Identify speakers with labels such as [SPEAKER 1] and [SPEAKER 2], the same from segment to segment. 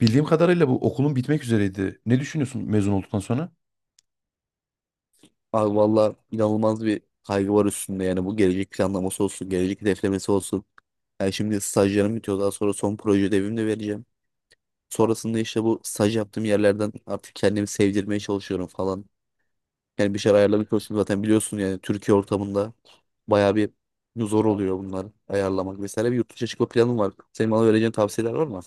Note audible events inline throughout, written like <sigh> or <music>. [SPEAKER 1] Bildiğim kadarıyla bu okulun bitmek üzereydi. Ne düşünüyorsun mezun olduktan sonra?
[SPEAKER 2] Abi valla inanılmaz bir kaygı var üstünde yani bu gelecek planlaması olsun, gelecek hedeflemesi olsun. Yani şimdi stajlarım bitiyor daha sonra son proje ödevimi de vereceğim. Sonrasında işte bu staj yaptığım yerlerden artık kendimi sevdirmeye çalışıyorum falan. Yani bir şeyler ayarlamaya çalışıyorum zaten biliyorsun yani Türkiye ortamında bayağı bir zor oluyor bunlar ayarlamak vesaire. Bir yurt dışına çıkma planım var. Senin bana vereceğin tavsiyeler var mı?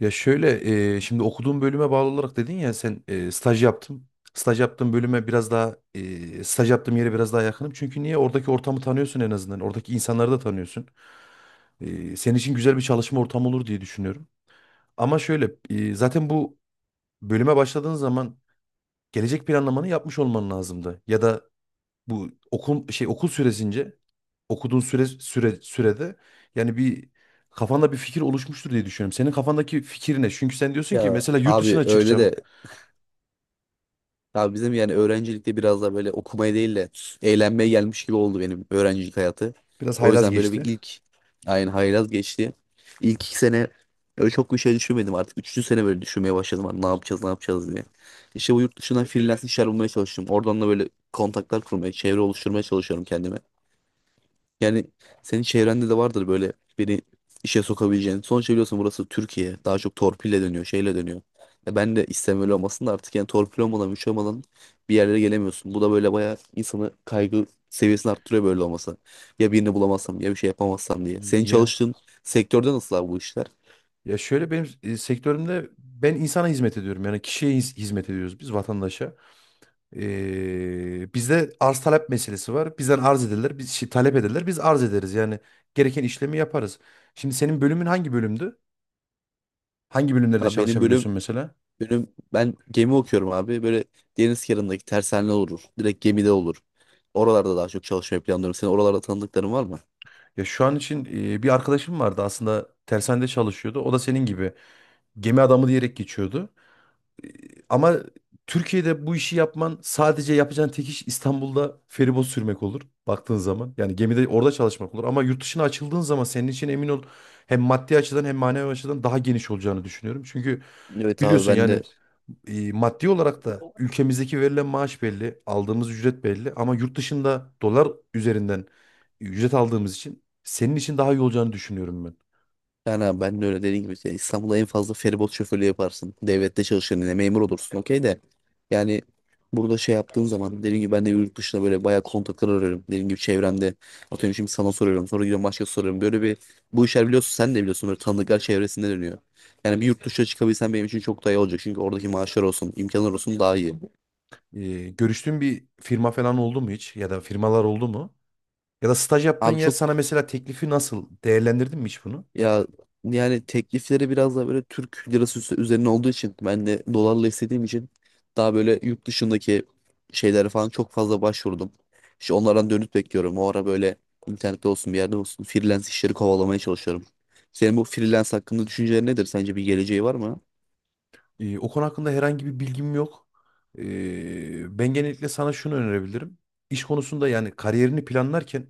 [SPEAKER 1] Ya şöyle, şimdi okuduğum bölüme bağlı olarak dedin ya sen staj yaptım. Staj yaptığım bölüme biraz daha, staj yaptığım yere biraz daha yakınım. Çünkü niye? Oradaki ortamı tanıyorsun en azından. Oradaki insanları da tanıyorsun. Senin için güzel bir çalışma ortamı olur diye düşünüyorum. Ama şöyle, zaten bu bölüme başladığın zaman gelecek planlamanı yapmış olman lazımdı. Ya da bu okul süresince okuduğun sürede yani bir kafanda bir fikir oluşmuştur diye düşünüyorum. Senin kafandaki fikir ne? Çünkü sen diyorsun ki
[SPEAKER 2] Ya
[SPEAKER 1] mesela yurt
[SPEAKER 2] abi
[SPEAKER 1] dışına
[SPEAKER 2] öyle
[SPEAKER 1] çıkacağım.
[SPEAKER 2] de Abi bizim yani öğrencilikte biraz da böyle okumaya değil de eğlenmeye gelmiş gibi oldu benim öğrencilik hayatı.
[SPEAKER 1] Biraz
[SPEAKER 2] O
[SPEAKER 1] haylaz
[SPEAKER 2] yüzden böyle bir
[SPEAKER 1] geçti.
[SPEAKER 2] ilk aynı haylaz geçti. İlk 2 sene öyle çok bir şey düşünmedim artık. Üçüncü sene böyle düşünmeye başladım. Hani ne yapacağız ne yapacağız diye. İşte bu yurt dışından freelance işler bulmaya çalıştım. Oradan da böyle kontaklar kurmaya, çevre oluşturmaya çalışıyorum kendime. Yani senin çevrende de vardır böyle beni işe sokabileceğin. Sonuçta biliyorsun burası Türkiye. Daha çok torpille dönüyor, şeyle dönüyor. Ya ben de istem öyle olmasın da artık yani torpil olmadan, güç olmadan bir yerlere gelemiyorsun. Bu da böyle bayağı insanı kaygı seviyesini arttırıyor böyle olması. Ya birini bulamazsam ya bir şey yapamazsam diye. Senin
[SPEAKER 1] Ya
[SPEAKER 2] çalıştığın sektörde nasıl abi bu işler?
[SPEAKER 1] ya şöyle benim sektörümde ben insana hizmet ediyorum. Yani kişiye hizmet ediyoruz biz vatandaşa. Bizde arz talep meselesi var. Bizden arz ederler, biz talep ederler, biz arz ederiz. Yani gereken işlemi yaparız. Şimdi senin bölümün hangi bölümdü? Hangi bölümlerde
[SPEAKER 2] Abi benim bölüm,
[SPEAKER 1] çalışabiliyorsun mesela?
[SPEAKER 2] bölüm ben gemi okuyorum abi. Böyle deniz kenarındaki tersane olur. Direkt gemide olur. Oralarda daha çok çalışmayı planlıyorum. Senin oralarda tanıdıkların var mı?
[SPEAKER 1] Ya şu an için bir arkadaşım vardı aslında tersanede çalışıyordu. O da senin gibi gemi adamı diyerek geçiyordu. Ama Türkiye'de bu işi yapman sadece yapacağın tek iş İstanbul'da feribot sürmek olur baktığın zaman. Yani gemide orada çalışmak olur ama yurt dışına açıldığın zaman senin için emin ol hem maddi açıdan hem manevi açıdan daha geniş olacağını düşünüyorum. Çünkü
[SPEAKER 2] Evet abi
[SPEAKER 1] biliyorsun
[SPEAKER 2] ben de
[SPEAKER 1] yani maddi olarak da ülkemizdeki verilen maaş belli, aldığımız ücret belli ama yurt dışında dolar üzerinden ücret aldığımız için senin için daha iyi olacağını düşünüyorum ben.
[SPEAKER 2] Yani abi ben de öyle dediğim gibi şey, İstanbul'da en fazla feribot şoförlüğü yaparsın. Devlette çalışırken yine memur olursun okey de. Yani burada şey yaptığın zaman dediğim gibi ben de yurt dışında böyle bayağı kontaklar arıyorum. Dediğim gibi çevremde atıyorum şimdi sana soruyorum sonra gidiyorum başka soruyorum. Böyle bir bu işler biliyorsun sen de biliyorsun böyle tanıdıklar çevresinde dönüyor. Yani bir yurt dışına çıkabilsen benim için çok daha iyi olacak. Çünkü oradaki maaşlar olsun imkanlar olsun daha iyi.
[SPEAKER 1] Görüştüğün bir firma falan oldu mu hiç ya da firmalar oldu mu? Ya da staj yaptığın
[SPEAKER 2] Abi
[SPEAKER 1] yer sana
[SPEAKER 2] çok
[SPEAKER 1] mesela teklifi nasıl? Değerlendirdin mi hiç bunu?
[SPEAKER 2] Ya yani teklifleri biraz da böyle Türk lirası üzerine olduğu için ben de dolarla istediğim için daha böyle yurt dışındaki şeylere falan çok fazla başvurdum. İşte onlardan dönüt bekliyorum. O ara böyle internette olsun bir yerde olsun freelance işleri kovalamaya çalışıyorum. Senin bu freelance hakkında düşüncelerin nedir? Sence bir geleceği var mı?
[SPEAKER 1] O konu hakkında herhangi bir bilgim yok. Ben genellikle sana şunu önerebilirim. İş konusunda yani kariyerini planlarken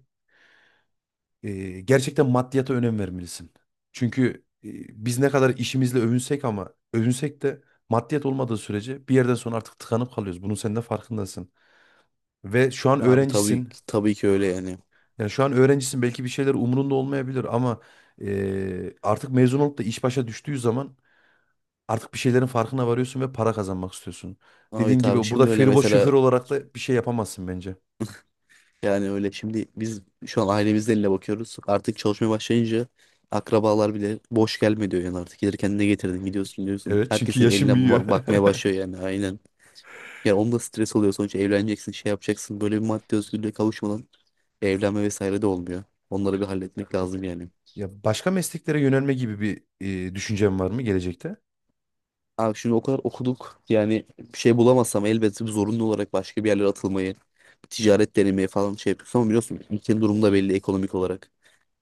[SPEAKER 1] gerçekten maddiyata önem vermelisin. Çünkü biz ne kadar işimizle övünsek ama övünsek de maddiyat olmadığı sürece bir yerden sonra artık tıkanıp kalıyoruz. Bunun sen de farkındasın. Ve şu an
[SPEAKER 2] Abi tabii
[SPEAKER 1] öğrencisin.
[SPEAKER 2] tabii ki öyle yani.
[SPEAKER 1] Yani şu an öğrencisin, belki bir şeyler umurunda olmayabilir ama artık mezun olup da iş başa düştüğü zaman artık bir şeylerin farkına varıyorsun ve para kazanmak istiyorsun.
[SPEAKER 2] Abi
[SPEAKER 1] Dediğin
[SPEAKER 2] tabii
[SPEAKER 1] gibi burada
[SPEAKER 2] şimdi öyle
[SPEAKER 1] feribot
[SPEAKER 2] mesela
[SPEAKER 1] şoför olarak da bir şey yapamazsın bence.
[SPEAKER 2] Yani öyle şimdi biz şu an ailemizin eline bakıyoruz. Artık çalışmaya başlayınca akrabalar bile boş gelme diyor yani artık. Gelirken ne getirdin gidiyorsun diyorsun.
[SPEAKER 1] Evet, çünkü
[SPEAKER 2] Herkesin
[SPEAKER 1] yaşın
[SPEAKER 2] eline
[SPEAKER 1] büyüyor.
[SPEAKER 2] bakmaya başlıyor
[SPEAKER 1] <laughs>
[SPEAKER 2] yani aynen. Ya onda stres oluyor sonuçta evleneceksin şey yapacaksın. Böyle bir maddi özgürlüğe kavuşmadan evlenme vesaire de olmuyor. Onları bir halletmek lazım yani.
[SPEAKER 1] Ya başka mesleklere yönelme gibi bir düşüncen var mı gelecekte?
[SPEAKER 2] Abi şimdi o kadar okuduk yani bir şey bulamazsam elbette bir zorunlu olarak başka bir yerlere atılmayı, ticaret denemeyi falan şey yapıyorsun ama biliyorsun ülkenin durumu da belli ekonomik olarak.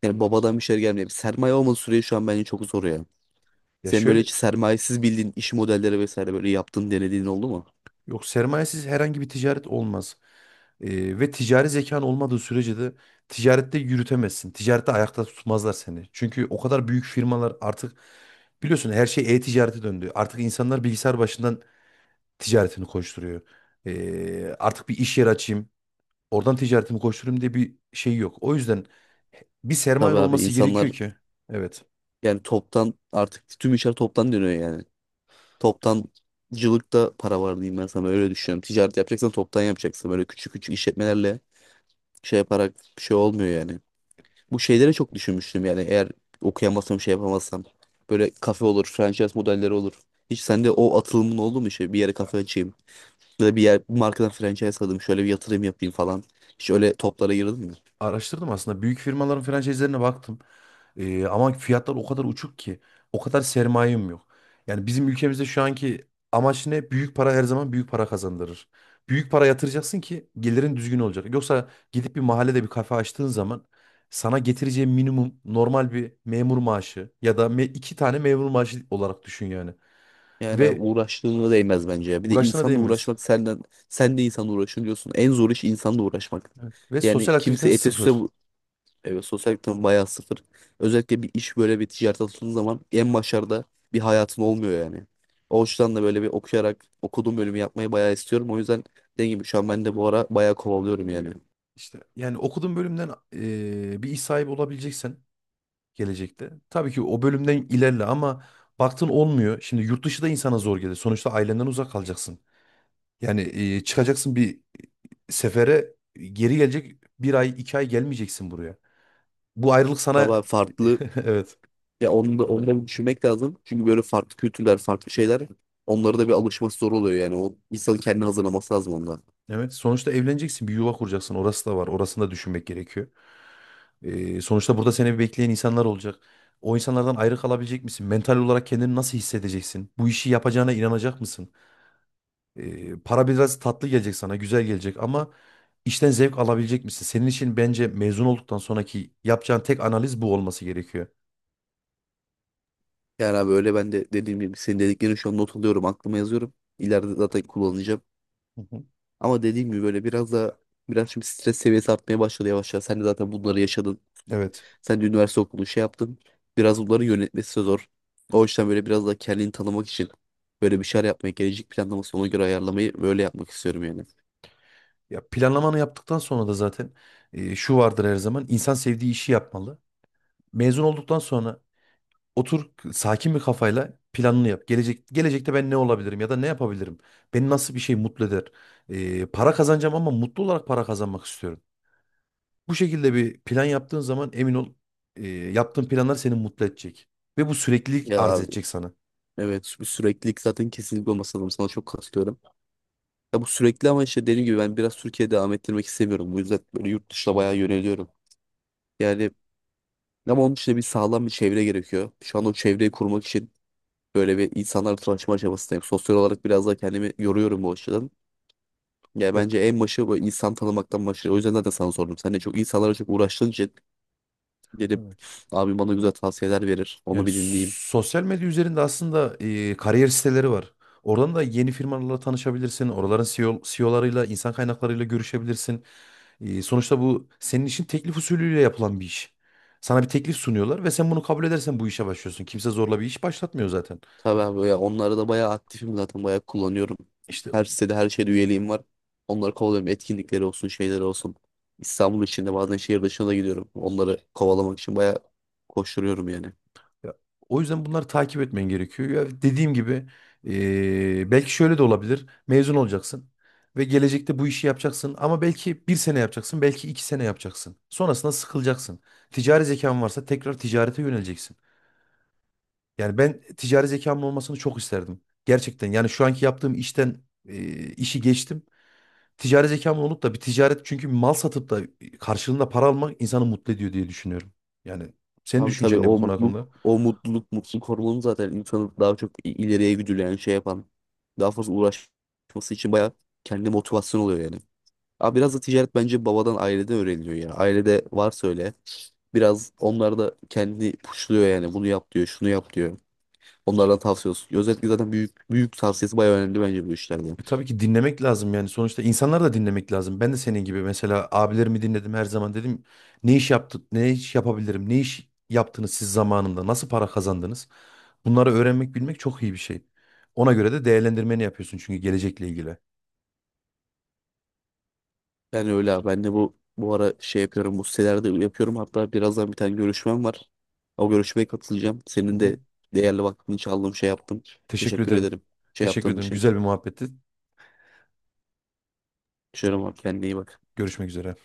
[SPEAKER 2] Yani babadan bir şey gelmiyor. Sermaye olmadığı sürece şu an bence çok zor ya.
[SPEAKER 1] Ya
[SPEAKER 2] Sen böyle
[SPEAKER 1] şöyle,
[SPEAKER 2] hiç sermayesiz bildiğin iş modelleri vesaire böyle yaptın denediğin oldu mu?
[SPEAKER 1] yok, sermayesiz herhangi bir ticaret olmaz. Ve ticari zekan olmadığı sürece de ticarette yürütemezsin. Ticarette ayakta tutmazlar seni. Çünkü o kadar büyük firmalar artık, biliyorsun, her şey e-ticarete döndü. Artık insanlar bilgisayar başından ticaretini koşturuyor. Artık bir iş yeri açayım, oradan ticaretimi koşturayım diye bir şey yok. O yüzden bir sermayen
[SPEAKER 2] Tabii abi
[SPEAKER 1] olması gerekiyor
[SPEAKER 2] insanlar
[SPEAKER 1] ki. Evet.
[SPEAKER 2] Yani toptan artık tüm işler toptan dönüyor yani. Toptancılıkta para var diyeyim ben sana öyle düşünüyorum. Ticaret yapacaksan toptan yapacaksın. Böyle küçük küçük işletmelerle şey yaparak bir şey olmuyor yani. Bu şeylere çok düşünmüştüm yani eğer okuyamazsam şey yapamazsam. Böyle kafe olur, franchise modelleri olur. Hiç sende o atılımın oldu mu şey bir yere kafe açayım? Böyle bir yer, bir markadan franchise alayım, şöyle bir yatırım yapayım falan. Hiç öyle toplara yırılmıyor.
[SPEAKER 1] Araştırdım aslında. Büyük firmaların franchise'lerine baktım. Ama fiyatlar o kadar uçuk ki. O kadar sermayem yok. Yani bizim ülkemizde şu anki amaç ne? Büyük para her zaman büyük para kazandırır. Büyük para yatıracaksın ki gelirin düzgün olacak. Yoksa gidip bir mahallede bir kafe açtığın zaman sana getireceği minimum normal bir memur maaşı ya da iki tane memur maaşı olarak düşün yani.
[SPEAKER 2] Yani abi
[SPEAKER 1] Ve
[SPEAKER 2] uğraştığına değmez bence ya. Bir de
[SPEAKER 1] uğraştığına
[SPEAKER 2] insanla
[SPEAKER 1] değmez.
[SPEAKER 2] uğraşmak senden, sen de insanla uğraşın diyorsun. En zor iş insanla uğraşmak.
[SPEAKER 1] Evet. Ve
[SPEAKER 2] Yani
[SPEAKER 1] sosyal
[SPEAKER 2] kimse
[SPEAKER 1] aktiviten
[SPEAKER 2] ete süse
[SPEAKER 1] sıfır.
[SPEAKER 2] bu. Evet, sosyal ekonomi bayağı sıfır. Özellikle bir iş böyle bir ticaret atıldığın zaman en başarıda bir hayatın olmuyor yani. O yüzden de böyle bir okuyarak okuduğum bölümü yapmayı bayağı istiyorum. O yüzden dediğim gibi şu an ben de bu ara bayağı kovalıyorum yani.
[SPEAKER 1] İşte yani okuduğun bölümden bir iş sahibi olabileceksen gelecekte. Tabii ki o bölümden ilerle ama baktın olmuyor. Şimdi yurt dışı da insana zor gelir. Sonuçta ailenden uzak kalacaksın. Yani çıkacaksın bir sefere geri gelecek, bir ay iki ay gelmeyeceksin buraya. Bu ayrılık sana
[SPEAKER 2] Tabii abi
[SPEAKER 1] <laughs>
[SPEAKER 2] farklı
[SPEAKER 1] evet.
[SPEAKER 2] Ya onu da bir düşünmek lazım. Çünkü böyle farklı kültürler, farklı şeyler onlara da bir alışması zor oluyor yani. O insanın kendini hazırlaması lazım onunla.
[SPEAKER 1] Evet, sonuçta evleneceksin, bir yuva kuracaksın. Orası da var, orasını da düşünmek gerekiyor. Sonuçta burada seni bekleyen insanlar olacak. O insanlardan ayrı kalabilecek misin? Mental olarak kendini nasıl hissedeceksin? Bu işi yapacağına inanacak mısın? Para biraz tatlı gelecek sana, güzel gelecek ama işten zevk alabilecek misin? Senin için bence mezun olduktan sonraki yapacağın tek analiz bu olması gerekiyor.
[SPEAKER 2] Yani abi öyle ben de dediğim gibi senin dediklerini şu an not alıyorum, aklıma yazıyorum. İleride zaten kullanacağım.
[SPEAKER 1] Hı hı.
[SPEAKER 2] Ama dediğim gibi böyle biraz da biraz şimdi stres seviyesi artmaya başladı yavaş yavaş. Sen de zaten bunları yaşadın.
[SPEAKER 1] Evet.
[SPEAKER 2] Sen de üniversite okudun, şey yaptın. Biraz bunları yönetmesi zor. O yüzden böyle biraz da kendini tanımak için böyle bir şeyler yapmayı, gelecek planlaması ona göre ayarlamayı böyle yapmak istiyorum yani.
[SPEAKER 1] Ya planlamanı yaptıktan sonra da zaten şu vardır, her zaman insan sevdiği işi yapmalı. Mezun olduktan sonra otur sakin bir kafayla planını yap. Gelecekte ben ne olabilirim ya da ne yapabilirim? Beni nasıl bir şey mutlu eder? Para kazanacağım ama mutlu olarak para kazanmak istiyorum. Bu şekilde bir plan yaptığın zaman emin ol yaptığın planlar seni mutlu edecek. Ve bu süreklilik arz
[SPEAKER 2] Ya
[SPEAKER 1] edecek sana.
[SPEAKER 2] Evet bu süreklilik zaten kesinlikle olması lazım. Sana çok katılıyorum. Ya bu sürekli ama işte dediğim gibi ben biraz Türkiye'ye devam ettirmek istemiyorum. Bu yüzden böyle yurt dışına bayağı yöneliyorum. Yani ama onun için de bir sağlam bir çevre gerekiyor. Şu an o çevreyi kurmak için böyle bir insanlarla tanışma aşamasındayım. Sosyal olarak biraz daha kendimi yoruyorum bu açıdan. Yani
[SPEAKER 1] Ya-
[SPEAKER 2] bence en başı böyle insan tanımaktan başlıyor. O yüzden zaten sana sordum. Sen de çok insanlara çok uğraştığın için dedim
[SPEAKER 1] Evet.
[SPEAKER 2] abim bana güzel tavsiyeler verir. Onu
[SPEAKER 1] Yani
[SPEAKER 2] bir dinleyeyim.
[SPEAKER 1] sosyal medya üzerinde aslında kariyer siteleri var. Oradan da yeni firmalarla tanışabilirsin. Oraların CEO'larıyla, insan kaynaklarıyla görüşebilirsin. Sonuçta bu senin için teklif usulüyle yapılan bir iş. Sana bir teklif sunuyorlar ve sen bunu kabul edersen bu işe başlıyorsun. Kimse zorla bir iş başlatmıyor zaten.
[SPEAKER 2] Tabii abi ya onları da bayağı aktifim zaten bayağı kullanıyorum.
[SPEAKER 1] İşte
[SPEAKER 2] Her sitede her şeyde üyeliğim var. Onları kovalıyorum. Etkinlikleri olsun şeyleri olsun. İstanbul içinde bazen şehir dışına da gidiyorum. Onları kovalamak için bayağı koşturuyorum yani.
[SPEAKER 1] ya, o yüzden bunları takip etmen gerekiyor. Ya dediğim gibi, belki şöyle de olabilir. Mezun olacaksın ve gelecekte bu işi yapacaksın ama belki bir sene yapacaksın, belki iki sene yapacaksın. Sonrasında sıkılacaksın. Ticari zekan varsa tekrar ticarete yöneleceksin. Yani ben ticari zekamın olmasını çok isterdim. Gerçekten yani şu anki yaptığım işten işi geçtim. Ticari zekamın olup da bir ticaret, çünkü mal satıp da karşılığında para almak insanı mutlu ediyor diye düşünüyorum. Yani senin
[SPEAKER 2] Abi tabii
[SPEAKER 1] düşüncen ne bu
[SPEAKER 2] o
[SPEAKER 1] konu
[SPEAKER 2] mutluluk
[SPEAKER 1] hakkında?
[SPEAKER 2] o mutluluk mutluluk hormonu zaten insanı daha çok ileriye güdüleyen şey yapan daha fazla uğraşması için bayağı kendi motivasyon oluyor yani. Abi biraz da ticaret bence babadan aileden öğreniliyor ya. Ailede varsa öyle biraz onlar da kendini puşluyor yani bunu yap diyor şunu yap diyor. Onlardan tavsiye olsun. Özellikle zaten büyük büyük tavsiyesi bayağı önemli bence bu işlerde.
[SPEAKER 1] Tabii ki dinlemek lazım yani, sonuçta insanları da dinlemek lazım. Ben de senin gibi mesela abilerimi dinledim her zaman, dedim ne iş yaptı, ne iş yapabilirim, ne iş yaptınız siz zamanında, nasıl para kazandınız? Bunları öğrenmek, bilmek çok iyi bir şey. Ona göre de değerlendirmeni yapıyorsun çünkü gelecekle ilgili.
[SPEAKER 2] Yani öyle abi. Ben de bu ara şey yapıyorum. Bu sitelerde yapıyorum. Hatta birazdan bir tane görüşmem var. O görüşmeye katılacağım.
[SPEAKER 1] Hı
[SPEAKER 2] Senin
[SPEAKER 1] hı.
[SPEAKER 2] de değerli vaktini çaldığım şey yaptım.
[SPEAKER 1] Teşekkür
[SPEAKER 2] Teşekkür
[SPEAKER 1] ederim.
[SPEAKER 2] ederim. Şey
[SPEAKER 1] Teşekkür
[SPEAKER 2] yaptığın
[SPEAKER 1] ederim.
[SPEAKER 2] için.
[SPEAKER 1] Güzel bir muhabbetti.
[SPEAKER 2] Şöyle bak kendine iyi bak.
[SPEAKER 1] Görüşmek üzere.